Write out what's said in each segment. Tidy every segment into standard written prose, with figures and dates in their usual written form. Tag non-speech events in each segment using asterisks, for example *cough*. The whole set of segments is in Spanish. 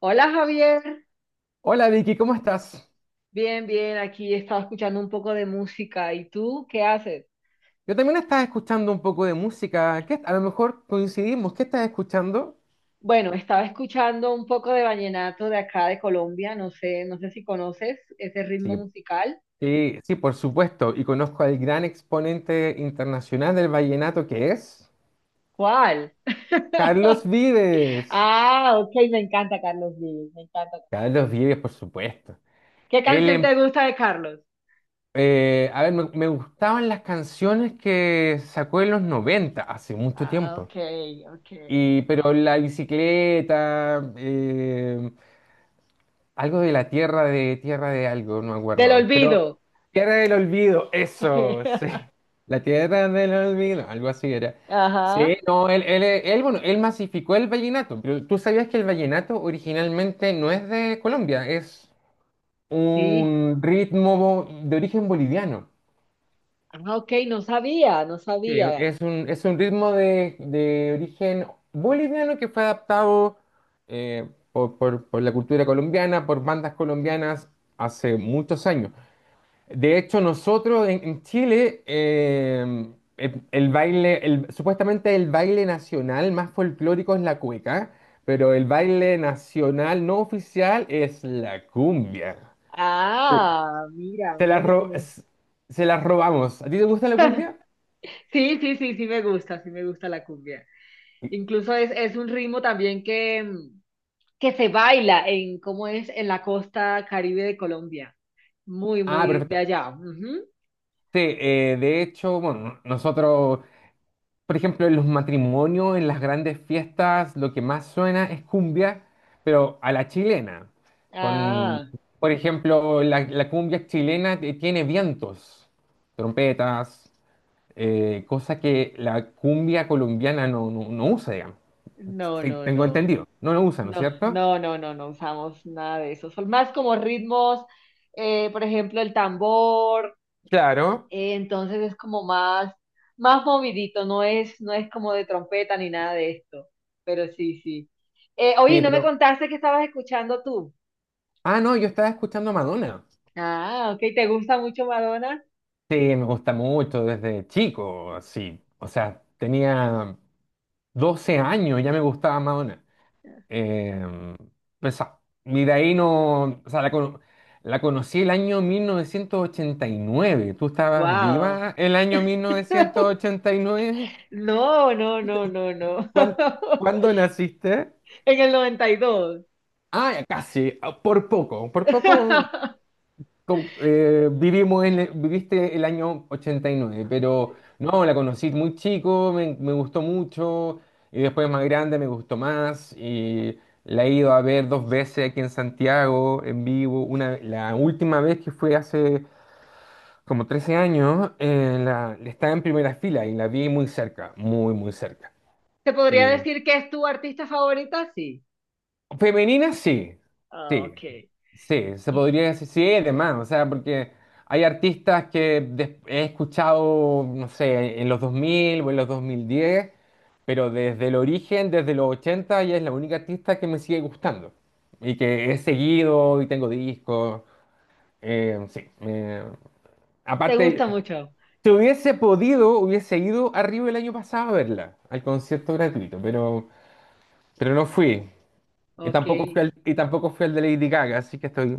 Hola Javier, Hola Vicky, ¿cómo estás? bien, bien, aquí estaba escuchando un poco de música. ¿Y tú qué haces? Yo también estaba escuchando un poco de música. A lo mejor coincidimos. ¿Qué estás escuchando? Bueno, estaba escuchando un poco de vallenato de acá de Colombia, no sé, no sé si conoces ese ritmo Sí, musical. sí, sí, por supuesto. Y conozco al gran exponente internacional del vallenato que es ¿Cuál? Carlos *laughs* Vives. Ah, ok, me encanta Carlos Vives, me encanta. Carlos Vives, por supuesto. ¿Qué Él, canción em- te gusta de Carlos? A ver, me gustaban las canciones que sacó en los 90, hace mucho Ah, tiempo. ok, ok. Pero La Bicicleta, algo de la tierra de algo, no me Del acuerdo. Pero olvido. tierra del olvido, eso, sí. *laughs* La tierra del olvido, algo así era. Sí, Ajá, no, él, bueno, él masificó el vallenato, pero tú sabías que el vallenato originalmente no es de Colombia, es sí. un ritmo de origen boliviano. Ah, ok, no sabía, no Sí, sabía. Es un ritmo de origen boliviano que fue adaptado, por la cultura colombiana, por bandas colombianas hace muchos años. De hecho, nosotros en Chile, supuestamente el baile nacional más folclórico es la cueca, pero el baile nacional no oficial es la cumbia. Sí. Ah, mira, Se la, mira que ro- tenemos. s- Se la robamos. ¿A ti te gusta la *laughs* cumbia? Sí, sí, sí, sí me gusta la cumbia. Incluso es un ritmo también que, que se baila en, ¿cómo es? En la costa Caribe de Colombia. Muy, Ah, muy de perfecto. allá. Ujú. Sí, de hecho, bueno, nosotros Por ejemplo, en los matrimonios, en las grandes fiestas, lo que más suena es cumbia, pero a la chilena. Con, Ah, por ejemplo, la cumbia chilena tiene vientos, trompetas, cosa que la cumbia colombiana no usa, digamos. no, Sí, no, tengo no. entendido. No lo usa, ¿no es No, cierto? no, no, no, no usamos nada de eso. Son más como ritmos, por ejemplo, el tambor. Claro. Entonces es como más movidito, no es como de trompeta ni nada de esto, pero sí, sí. Oye, Sí, ¿no me pero... contaste que estabas escuchando tú? Ah, no, yo estaba escuchando a Madonna. Ah, ok, ¿te gusta mucho Madonna? Sí, me gusta mucho desde chico, sí. O sea, tenía 12 años, ya me gustaba Madonna. Eh, pues, y de ahí no, o sea, la conocí el año 1989. ¿Tú estabas Wow. viva el año *laughs* 1989? No, no, no, no, no. ¿Cuán- *laughs* ¿Cuándo naciste? En el 92. Ya casi, por poco, *laughs* vivimos viviste el año 89, pero no, la conocí muy chico, me gustó mucho, y después más grande me gustó más, y la he ido a ver dos veces aquí en Santiago, en vivo, una, la última vez que fue hace como 13 años. Estaba en primera fila y la vi muy cerca, muy, muy cerca. ¿Te podría decir que es tu artista favorita? Sí. Femenina sí, Ah, sí, ok. sí, se podría decir, sí, además, o sea, porque hay artistas que he escuchado, no sé, en los 2000 o en los 2010, pero desde el origen, desde los 80, ella es la única artista que me sigue gustando y que he seguido y tengo discos, sí. ¿Te Aparte, gusta mucho? si hubiese podido, hubiese ido a Río el año pasado a verla, al concierto gratuito, pero, no fui. Y Ok. tampoco fui al, de Lady Gaga, así que estoy,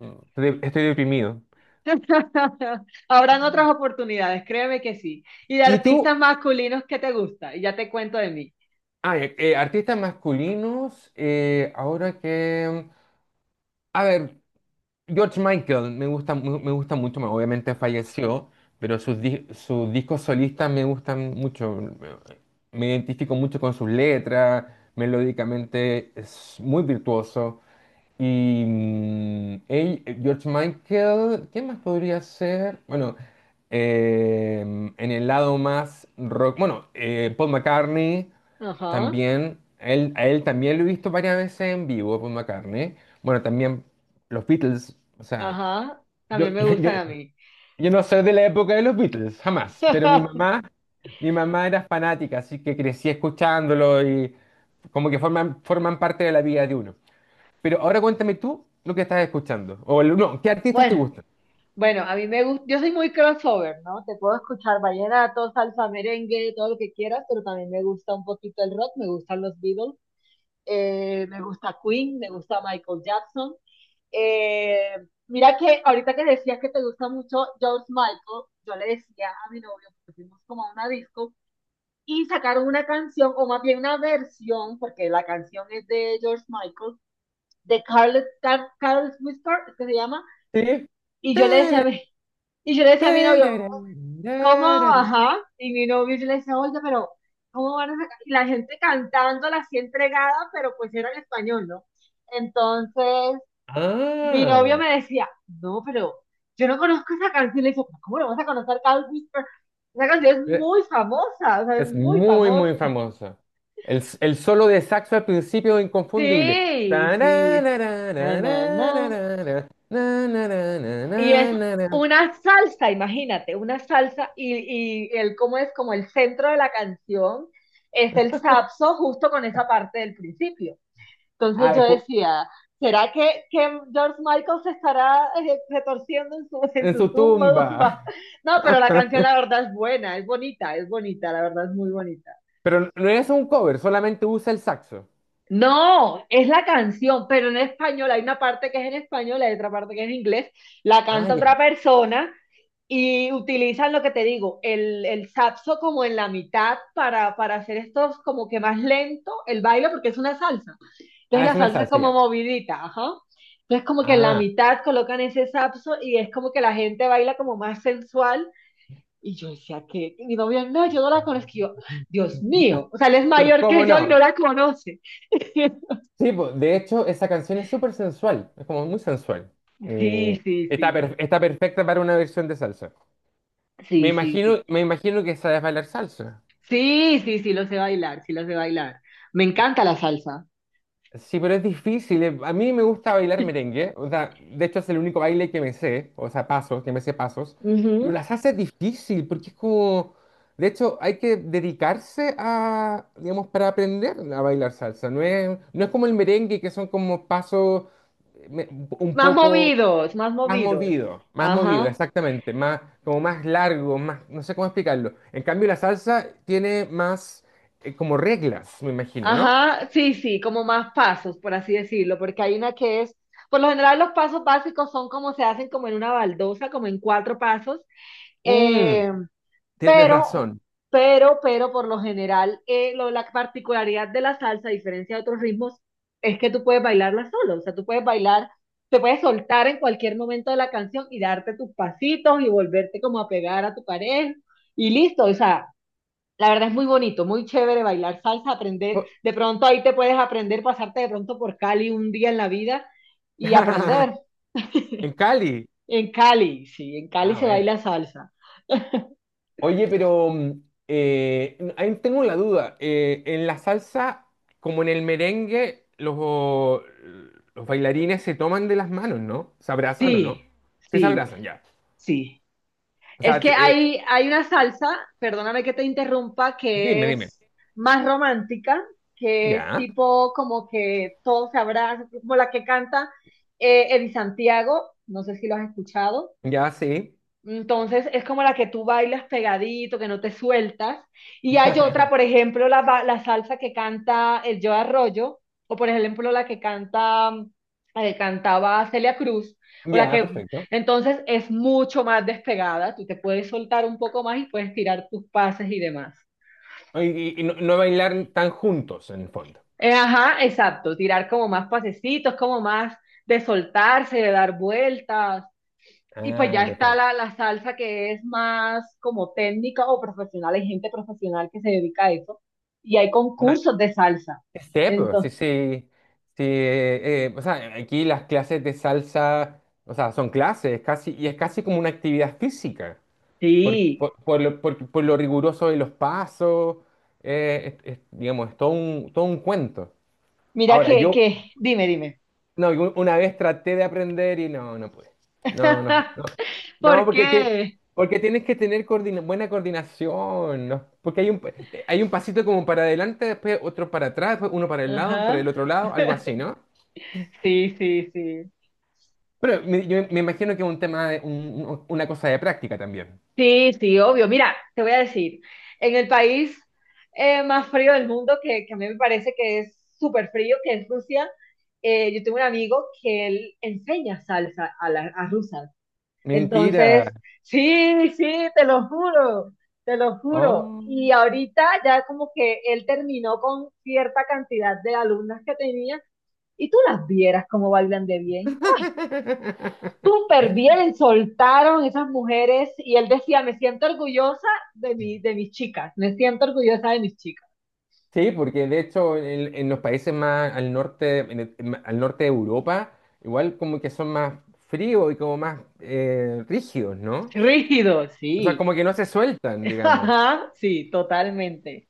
estoy deprimido. *laughs* Habrán otras oportunidades, créeme que sí. Y de ¿Y tú? artistas masculinos que te gusta, y ya te cuento de mí. Artistas masculinos, ahora que... A ver, George Michael me gusta, me gusta mucho, obviamente falleció, pero sus discos solistas me gustan mucho. Me identifico mucho con sus letras, melódicamente es muy virtuoso. George Michael, ¿qué más podría ser? Bueno, en el lado más rock, bueno, Paul McCartney Ajá, también, a él también lo he visto varias veces en vivo, Paul McCartney. Bueno, también los Beatles, o sea, ajá, yo, también *laughs* me yo, yo, gustan a mí. yo no soy de la época de los Beatles, jamás, pero *laughs* mi mamá era fanática, así que crecí escuchándolo y como que forman parte de la vida de uno. Pero ahora cuéntame tú lo que estás escuchando. O el- no, ¿Qué artistas te Bueno, gustan? bueno, a mí me gusta, yo soy muy crossover, ¿no? Te puedo escuchar vallenato, salsa, merengue, todo lo que quieras, pero también me gusta un poquito el rock, me gustan los Beatles, me gusta Queen, me gusta Michael Jackson. Eh, Mira que ahorita que decías que te gusta mucho George Michael, yo le decía a mi novio, que fuimos como a una disco y sacaron una canción, o más bien una versión, porque la canción es de George Michael, de Carlos Whisper, es que se llama, Sí. y yo le decía a Tere, mi, y yo le decía a mi novio, tereré, ¿cómo? tereré. Ajá, y mi novio yo le decía, oye, pero ¿cómo van a sacar? Y la gente cantándola así entregada, pero pues era en español, ¿no? Entonces, mi novio Ah, me decía, no, pero yo no conozco esa canción. Le digo, ¿cómo no vas a conocer Cat Whisper? Esa canción es eh, muy famosa, o sea, es es muy muy, famosa. muy famosa. El solo de saxo al principio es inconfundible. Sí, sí. Na, na, na. Tarararararararara, Y es nanananananana. una salsa, imagínate, una salsa y el cómo es como el centro de la canción es el saxo justo con esa parte del principio. Entonces Ah, yo cu- decía, ¿será que George Michael se estará retorciendo en su, *laughs* en en su su tumba, *laughs* tumba? tumba. No, pero la canción *laughs* la verdad es buena, es bonita, la verdad es muy bonita. Pero no es un cover, solamente usa el saxo. No, es la canción, pero en español, hay una parte que es en español, hay otra parte que es en inglés, la Ah, canta otra ya. persona y utilizan lo que te digo, el saxo como en la mitad para hacer estos como que más lento el baile porque es una salsa. Entonces Ah, es la una salsa es salsa, como ya. movidita, ajá. Entonces como que en la Ah, mitad colocan ese sapso y es como que la gente baila como más sensual. Y yo decía que y mi novio, no, yo no la conozco. Y yo, Dios mío, o sea, él es ¿pero mayor que cómo yo y no no? la conoce. *laughs* Sí, po, de hecho, esa canción es súper sensual, es como muy sensual. Sí, Eh, sí, sí, Está perfecta para una versión de salsa. Sí, sí, sí. Me imagino que sabes bailar salsa. Sí, sí, sí, lo sé bailar, sí lo sé bailar. Me encanta la salsa. Sí, pero es difícil. A mí me gusta bailar *laughs* merengue. O sea, de hecho es el único baile que me sé, o sea, pasos, que me sé pasos. Pero Ujú. la salsa es difícil porque es como... De hecho, hay que dedicarse a, digamos, para aprender a bailar salsa. No es como el merengue, que son como pasos, eh, me- un Más poco. movidos, más movidos. Más movido, Ajá. exactamente, más, como más largo, más, no sé cómo explicarlo. En cambio, la salsa tiene más, como reglas, me imagino, ¿no? Ajá, sí, sí, como más pasos, por así decirlo, porque hay una que es, por lo general los pasos básicos son como se hacen como en una baldosa, como en cuatro pasos, Mm, eh, tienes pero, razón. pero por lo general la particularidad de la salsa, a diferencia de otros ritmos, es que tú puedes bailarla solo, o sea, tú puedes bailar, te puedes soltar en cualquier momento de la canción y darte tus pasitos y volverte como a pegar a tu pareja y listo, o sea. La verdad es muy bonito, muy chévere bailar salsa, aprender. Po- De pronto ahí te puedes aprender, pasarte de pronto por Cali un día en la vida y aprender. *laughs* *laughs* En Cali. En Cali, sí, en Cali Ah, se bueno. baila salsa. Oye, pero ahí tengo la duda. En la salsa, como en el merengue, los bailarines se toman de las manos, ¿no? ¿Se abrazan o no? Sí, Sí, se sí, abrazan, ya. sí. O Es sea, que hay una salsa, perdóname que te interrumpa, dime, que dime. es más romántica, que es Ya, tipo como que todos se abrazan, como la que canta Eddie Santiago, no sé si lo has escuchado. ya, sí. Entonces es como la que tú bailas pegadito, que no te sueltas. Y hay otra, *laughs* por ejemplo, la salsa que canta el Joe Arroyo, o por ejemplo la que canta, la que cantaba Celia Cruz, o la Ya, que perfecto. entonces es mucho más despegada, tú te puedes soltar un poco más y puedes tirar tus pases y demás. Y no, bailar tan juntos en el fondo. Ajá, exacto, tirar como más pasecitos, como más de soltarse, de dar vueltas. Y pues Ah, ya está perfecto. la salsa que es más como técnica o profesional, hay gente profesional que se dedica a eso. Y hay Ah, concursos de salsa. sí, pues, sí, Entonces, sí. Sí, o sea, aquí las clases de salsa, o sea, son clases, casi, y es casi como una actividad física, sí, por lo riguroso de los pasos, es, digamos, es todo un cuento. mira Ahora, dime, dime. no, una vez traté de aprender y no pude. No, no, no. *laughs* No, ¿Por qué? porque tienes que tener buena coordinación, ¿no? Porque hay un pasito como para adelante, después otro para atrás, después uno para el Ajá. lado, para el otro lado, algo así, ¿no? Sí, sí, sí. Pero yo me imagino que es un tema, una cosa de práctica también. Sí, sí, obvio. Mira, te voy a decir, en el país más frío del mundo, que a mí me parece que es súper frío, que es Rusia, yo tengo un amigo que él enseña salsa a rusas. Mentira. Entonces, sí, sí, te lo juro, te lo juro. Oh. Y ahorita ya como que él terminó con cierta cantidad de alumnas que tenía y tú las vieras cómo bailan de bien. *laughs* Súper bien, soltaron esas mujeres y él decía, me siento orgullosa de mis chicas, me siento orgullosa de mis chicas. Sí, porque de hecho en los países más al norte, al norte de Europa, igual como que son más fríos y como más, rígidos, ¿no? Rígido, O sea, sí, como que no se sueltan, *laughs* digamos. Ajá, sí, totalmente.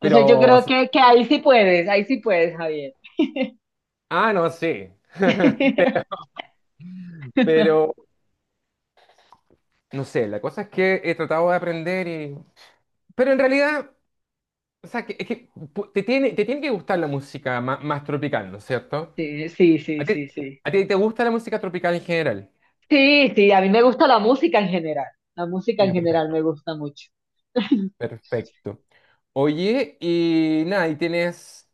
Entonces yo Pero, creo que ahí sí puedes, Javier. No sé. *laughs* Pero, no sé, la cosa es que he tratado de aprender y... Pero en realidad, o sea, que, es que pu- te tiene, que gustar la música más tropical, ¿no es cierto? Sí, sí, sí, ¿A ti, sí, sí. a ti te gusta la música tropical en general? Sí, sí, a mí me gusta la música en general. La música en Ya, general perfecto. me gusta mucho. Perfecto. Oye, y nada, ¿y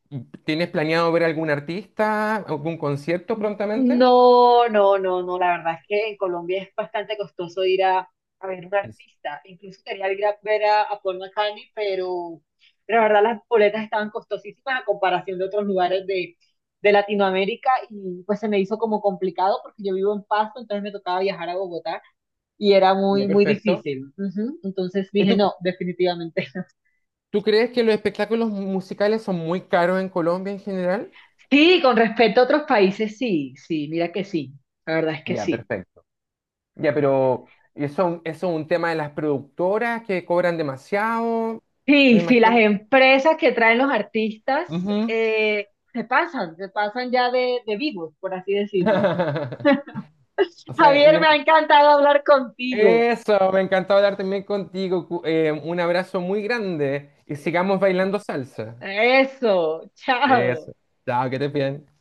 tienes planeado ver algún artista, algún concierto prontamente? No, no, no, no, la verdad es que en Colombia es bastante costoso ir a ver un Es- artista. Incluso quería ir a ver a Paul McCartney, pero la verdad las boletas estaban costosísimas a comparación de otros lugares de Latinoamérica y pues se me hizo como complicado porque yo vivo en Pasto, entonces me tocaba viajar a Bogotá y era Ya, muy, muy perfecto. difícil. Ujú. Entonces ¿Y dije, tú, no, definitivamente. tú crees que los espectáculos musicales son muy caros en Colombia en general? Sí, con respecto a otros países, sí, sí, mira que sí, la verdad es que Ya, sí. perfecto. Ya, pero eso es un tema de las productoras que cobran demasiado, me Sí, sí, las imagino. empresas que traen los artistas Ujú. Se pasan ya de vivos, por así decirlo. *laughs* O sea, Javier, me ha encantado hablar contigo. eso, me encantó hablar también contigo. Un abrazo muy grande y sigamos bailando salsa. Eso, Eso. chao. Chao, que te bien.